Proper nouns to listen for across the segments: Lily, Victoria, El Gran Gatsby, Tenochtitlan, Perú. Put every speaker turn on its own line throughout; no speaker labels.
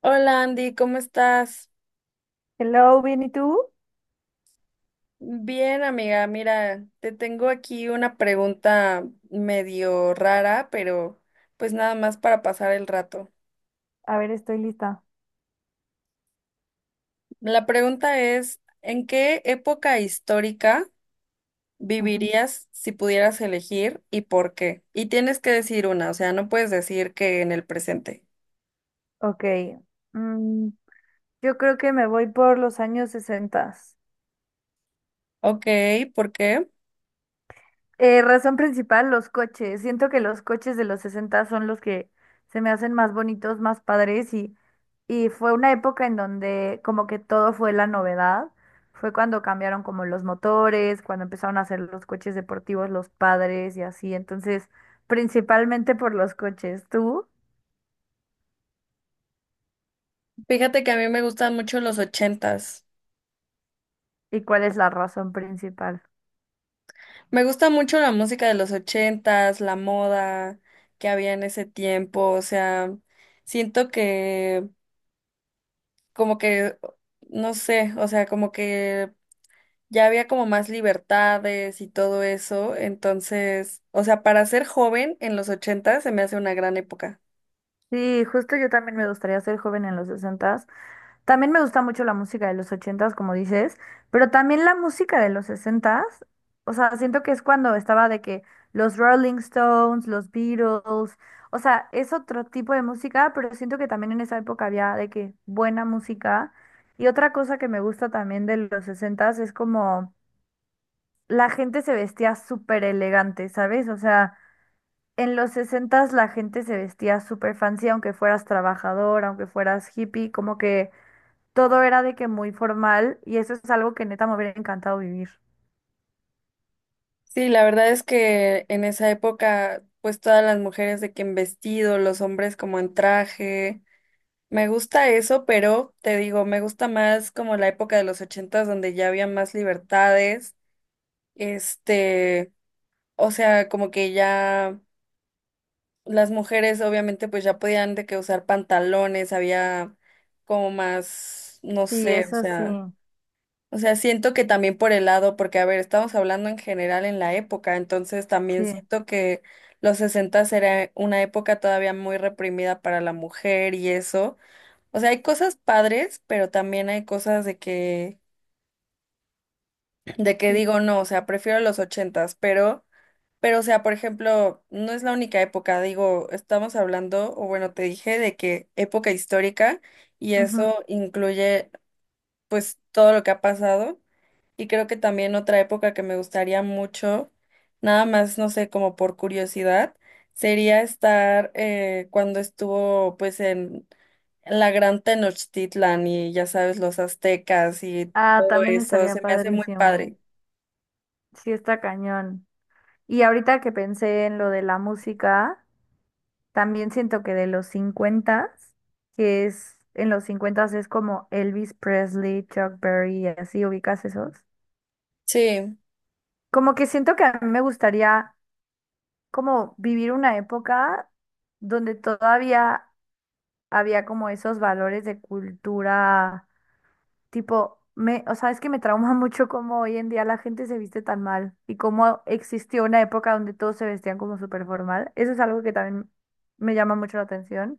Hola Andy, ¿cómo estás?
Hello, ¿bien y tú?
Bien, amiga, mira, te tengo aquí una pregunta medio rara, pero pues nada más para pasar el rato.
A ver, estoy lista.
La pregunta es, ¿en qué época histórica
Ujú.
vivirías si pudieras elegir y por qué? Y tienes que decir una, o sea, no puedes decir que en el presente.
Ok. mm, yo creo que me voy por los años 60.
Ok, ¿por qué?
Razón principal, los coches. Siento que los coches de los 60 son los que se me hacen más bonitos, más padres y fue una época en donde como que todo fue la novedad. Fue cuando cambiaron como los motores, cuando empezaron a hacer los coches deportivos, los padres y así. Entonces, principalmente por los coches. ¿Tú?
Fíjate que a mí me gustan mucho los 80s.
¿Y cuál es la razón principal?
Me gusta mucho la música de los 80s, la moda que había en ese tiempo, o sea, siento que como que, no sé, o sea, como que ya había como más libertades y todo eso, entonces, o sea, para ser joven en los 80s se me hace una gran época.
Sí, justo yo también me gustaría ser joven en los sesentas. También me gusta mucho la música de los ochentas, como dices, pero también la música de los sesentas. O sea, siento que es cuando estaba de que los Rolling Stones, los Beatles, o sea, es otro tipo de música, pero siento que también en esa época había de que buena música. Y otra cosa que me gusta también de los sesentas es como la gente se vestía súper elegante, ¿sabes? O sea, en los sesentas la gente se vestía súper fancy, aunque fueras trabajador, aunque fueras hippie, como que todo era de que muy formal y eso es algo que neta me hubiera encantado vivir.
Sí, la verdad es que en esa época, pues todas las mujeres de que en vestido, los hombres como en traje. Me gusta eso, pero te digo, me gusta más como la época de los 80s donde ya había más libertades, este, o sea, como que ya las mujeres obviamente pues ya podían de que usar pantalones, había como más, no
Y
sé, o
eso sí,
sea, siento que también por el lado, porque a ver, estamos hablando en general en la época, entonces también
sí,
siento que los 60s era una época todavía muy reprimida para la mujer y eso. O sea, hay cosas padres, pero también hay cosas de que
sí.
digo no, o sea, prefiero los 80s, pero, o sea, por ejemplo, no es la única época, digo, estamos hablando, o bueno, te dije de que época histórica, y
Ujú.
eso incluye pues todo lo que ha pasado, y creo que también otra época que me gustaría mucho, nada más, no sé, como por curiosidad, sería estar cuando estuvo pues en la gran Tenochtitlan y ya sabes, los aztecas y
Ah,
todo
también
eso,
estaría
se me hace muy
padrísimo.
padre.
Sí, está cañón. Y ahorita que pensé en lo de la música, también siento que de los cincuentas, que es en los cincuentas es como Elvis Presley, Chuck Berry y así, ¿ubicas esos?
Sí,
Como que siento que a mí me gustaría como vivir una época donde todavía había como esos valores de cultura, tipo, o sea, es que me trauma mucho cómo hoy en día la gente se viste tan mal y cómo existió una época donde todos se vestían como súper formal. Eso es algo que también me llama mucho la atención.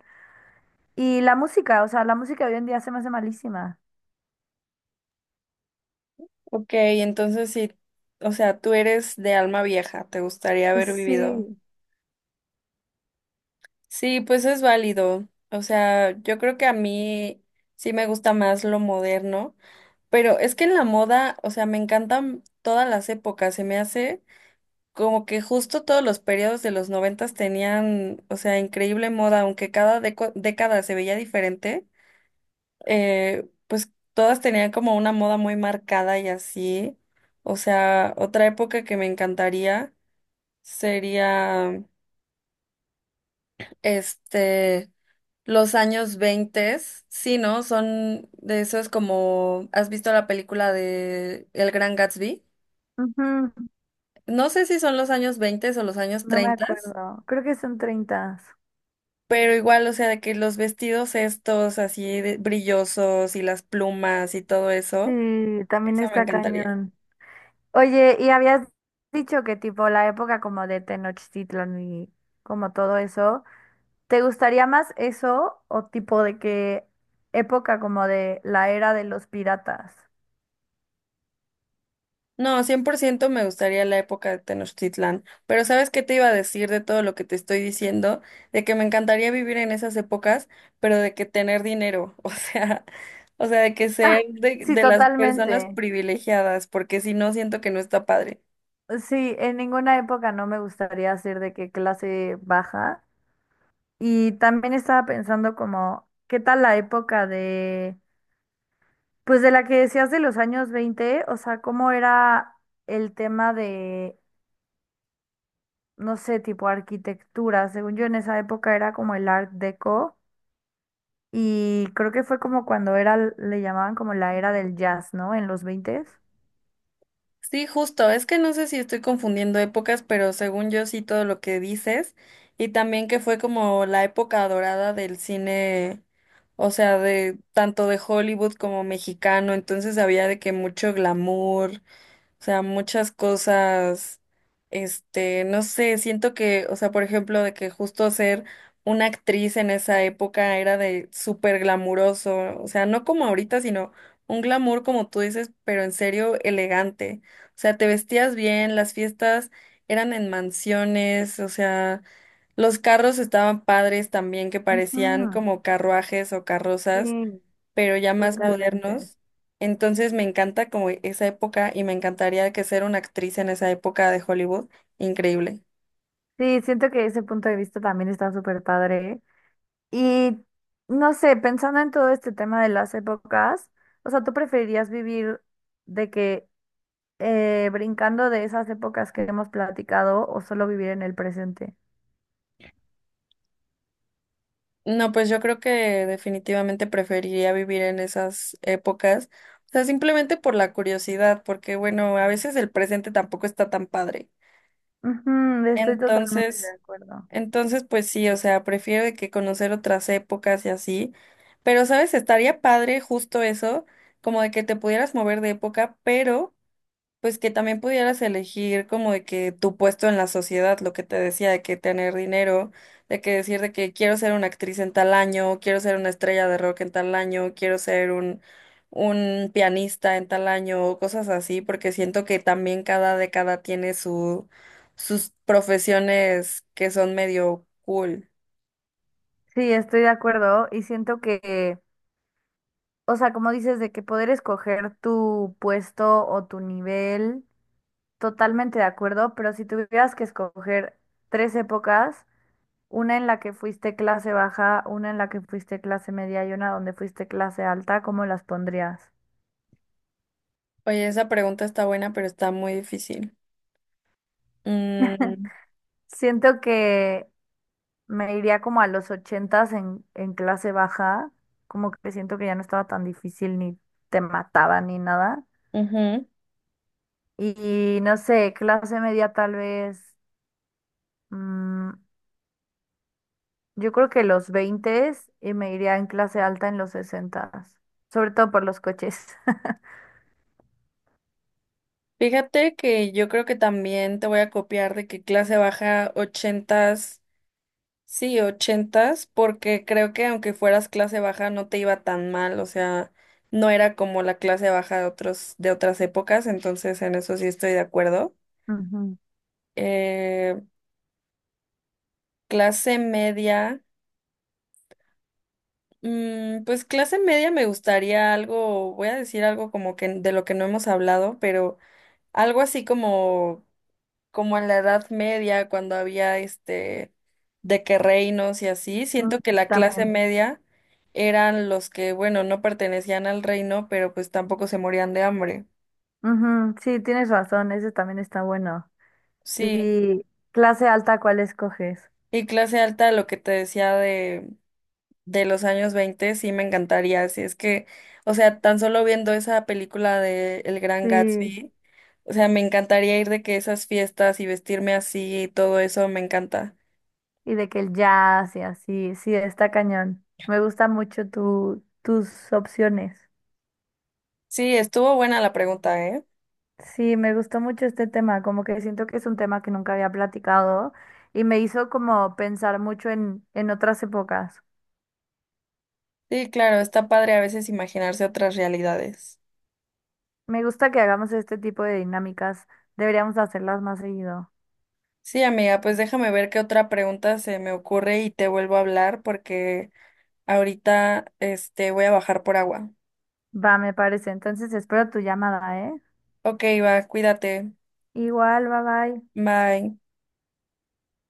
Y la música, o sea, la música hoy en día se me hace malísima.
ok, entonces sí, o sea, tú eres de alma vieja, te gustaría haber vivido.
Sí.
Sí, pues es válido. O sea, yo creo que a mí sí me gusta más lo moderno, pero es que en la moda, o sea, me encantan todas las épocas, se me hace como que justo todos los periodos de los 90s tenían, o sea, increíble moda, aunque cada década se veía diferente. Pues todas tenían como una moda muy marcada y así. O sea, otra época que me encantaría sería, este, los años 20. Sí, ¿no? Son de eso es como, ¿has visto la película de El Gran Gatsby?
Ujú.
No sé si son los años 20 o los años
No me
treinta
acuerdo. Creo que son treinta.
pero igual, o sea, de que los vestidos estos así de brillosos y las plumas y todo eso,
Sí, también
eso me
está
encantaría.
cañón. Oye, y habías dicho que tipo la época como de Tenochtitlan y como todo eso, ¿te gustaría más eso o tipo de qué época como de la era de los piratas?
No, 100% me gustaría la época de Tenochtitlán, pero ¿sabes qué te iba a decir de todo lo que te estoy diciendo? De que me encantaría vivir en esas épocas, pero de que tener dinero, o sea, de que ser de,
Sí,
de las personas
totalmente.
privilegiadas, porque si no, siento que no está padre.
Sí, en ninguna época no me gustaría ser de qué clase baja. Y también estaba pensando como, ¿qué tal la época de, pues de la que decías de los años 20? O sea, ¿cómo era el tema de no sé, tipo arquitectura? Según yo, en esa época era como el Art Deco y creo que fue como cuando era, le llamaban como la era del jazz, ¿no? En los 20.
Sí, justo, es que no sé si estoy confundiendo épocas, pero según yo sí todo lo que dices, y también que fue como la época dorada del cine, o sea, de tanto de Hollywood como mexicano, entonces había de que mucho glamour, o sea, muchas cosas, no sé, siento que, o sea, por ejemplo, de que justo ser una actriz en esa época era de súper glamuroso, o sea, no como ahorita, sino un glamour, como tú dices, pero en serio elegante. O sea, te vestías bien, las fiestas eran en mansiones, o sea, los carros estaban padres también, que parecían
Ujú.
como carruajes o carrozas,
Sí,
pero ya más
totalmente.
modernos. Entonces me encanta como esa época y me encantaría que ser una actriz en esa época de Hollywood, increíble.
Sí, siento que ese punto de vista también está súper padre. Y no sé, pensando en todo este tema de las épocas, o sea, ¿tú preferirías vivir de que brincando de esas épocas que hemos platicado o solo vivir en el presente?
No, pues yo creo que definitivamente preferiría vivir en esas épocas, o sea, simplemente por la curiosidad, porque bueno, a veces el presente tampoco está tan padre.
Ujú, estoy totalmente de
Entonces,
acuerdo.
pues sí, o sea, prefiero de que conocer otras épocas y así, pero sabes, estaría padre justo eso, como de que te pudieras mover de época, pero. Pues que también pudieras elegir como de que tu puesto en la sociedad, lo que te decía, de que tener dinero, de que decir de que quiero ser una actriz en tal año, quiero ser una estrella de rock en tal año, quiero ser un pianista en tal año, o cosas así, porque siento que también cada década tiene sus profesiones que son medio cool.
Sí, estoy de acuerdo y siento que, o sea, como dices, de que poder escoger tu puesto o tu nivel, totalmente de acuerdo, pero si tuvieras que escoger tres épocas, una en la que fuiste clase baja, una en la que fuiste clase media y una donde fuiste clase alta, ¿cómo las pondrías?
Oye, esa pregunta está buena, pero está muy difícil. Mm,
Siento que me iría como a los ochentas en clase baja, como que siento que ya no estaba tan difícil ni te mataban ni nada.
ujú.
Y no sé, clase media tal vez, mm, yo creo que los veinte, y me iría en clase alta en los 60, sobre todo por los coches.
Fíjate que yo creo que también te voy a copiar de que clase baja 80s, sí, 80s, porque creo que aunque fueras clase baja no te iba tan mal, o sea, no era como la clase baja de otros, de otras épocas, entonces en eso sí estoy de acuerdo.
Ujú.
Eh, clase media, pues clase media me gustaría algo, voy a decir algo como que de lo que no hemos hablado, pero algo así como en la Edad Media, cuando había de que reinos y así,
mm,
siento que la clase
También.
media eran los que, bueno, no pertenecían al reino, pero pues tampoco se morían de hambre.
Ujú, sí, tienes razón, ese también está bueno.
Sí,
¿Y clase alta cuál escoges?
y clase alta, lo que te decía de los años 20 sí me encantaría, si es que, o sea, tan solo viendo esa película de El Gran
Sí,
Gatsby, o sea, me encantaría ir de que esas fiestas y vestirme así y todo eso me encanta.
y de que el jazz y así, sí, está cañón. Me gusta mucho tus opciones.
Sí, estuvo buena la pregunta, ¿eh?
Sí, me gustó mucho este tema, como que siento que es un tema que nunca había platicado y me hizo como pensar mucho en otras épocas.
Sí, claro, está padre a veces imaginarse otras realidades.
Me gusta que hagamos este tipo de dinámicas, deberíamos hacerlas más seguido.
Sí, amiga, pues déjame ver qué otra pregunta se me ocurre y te vuelvo a hablar porque ahorita voy a bajar por agua.
Va, me parece. Entonces espero tu llamada, ¿eh?
Ok, va, cuídate.
Igual, bye bye.
Bye.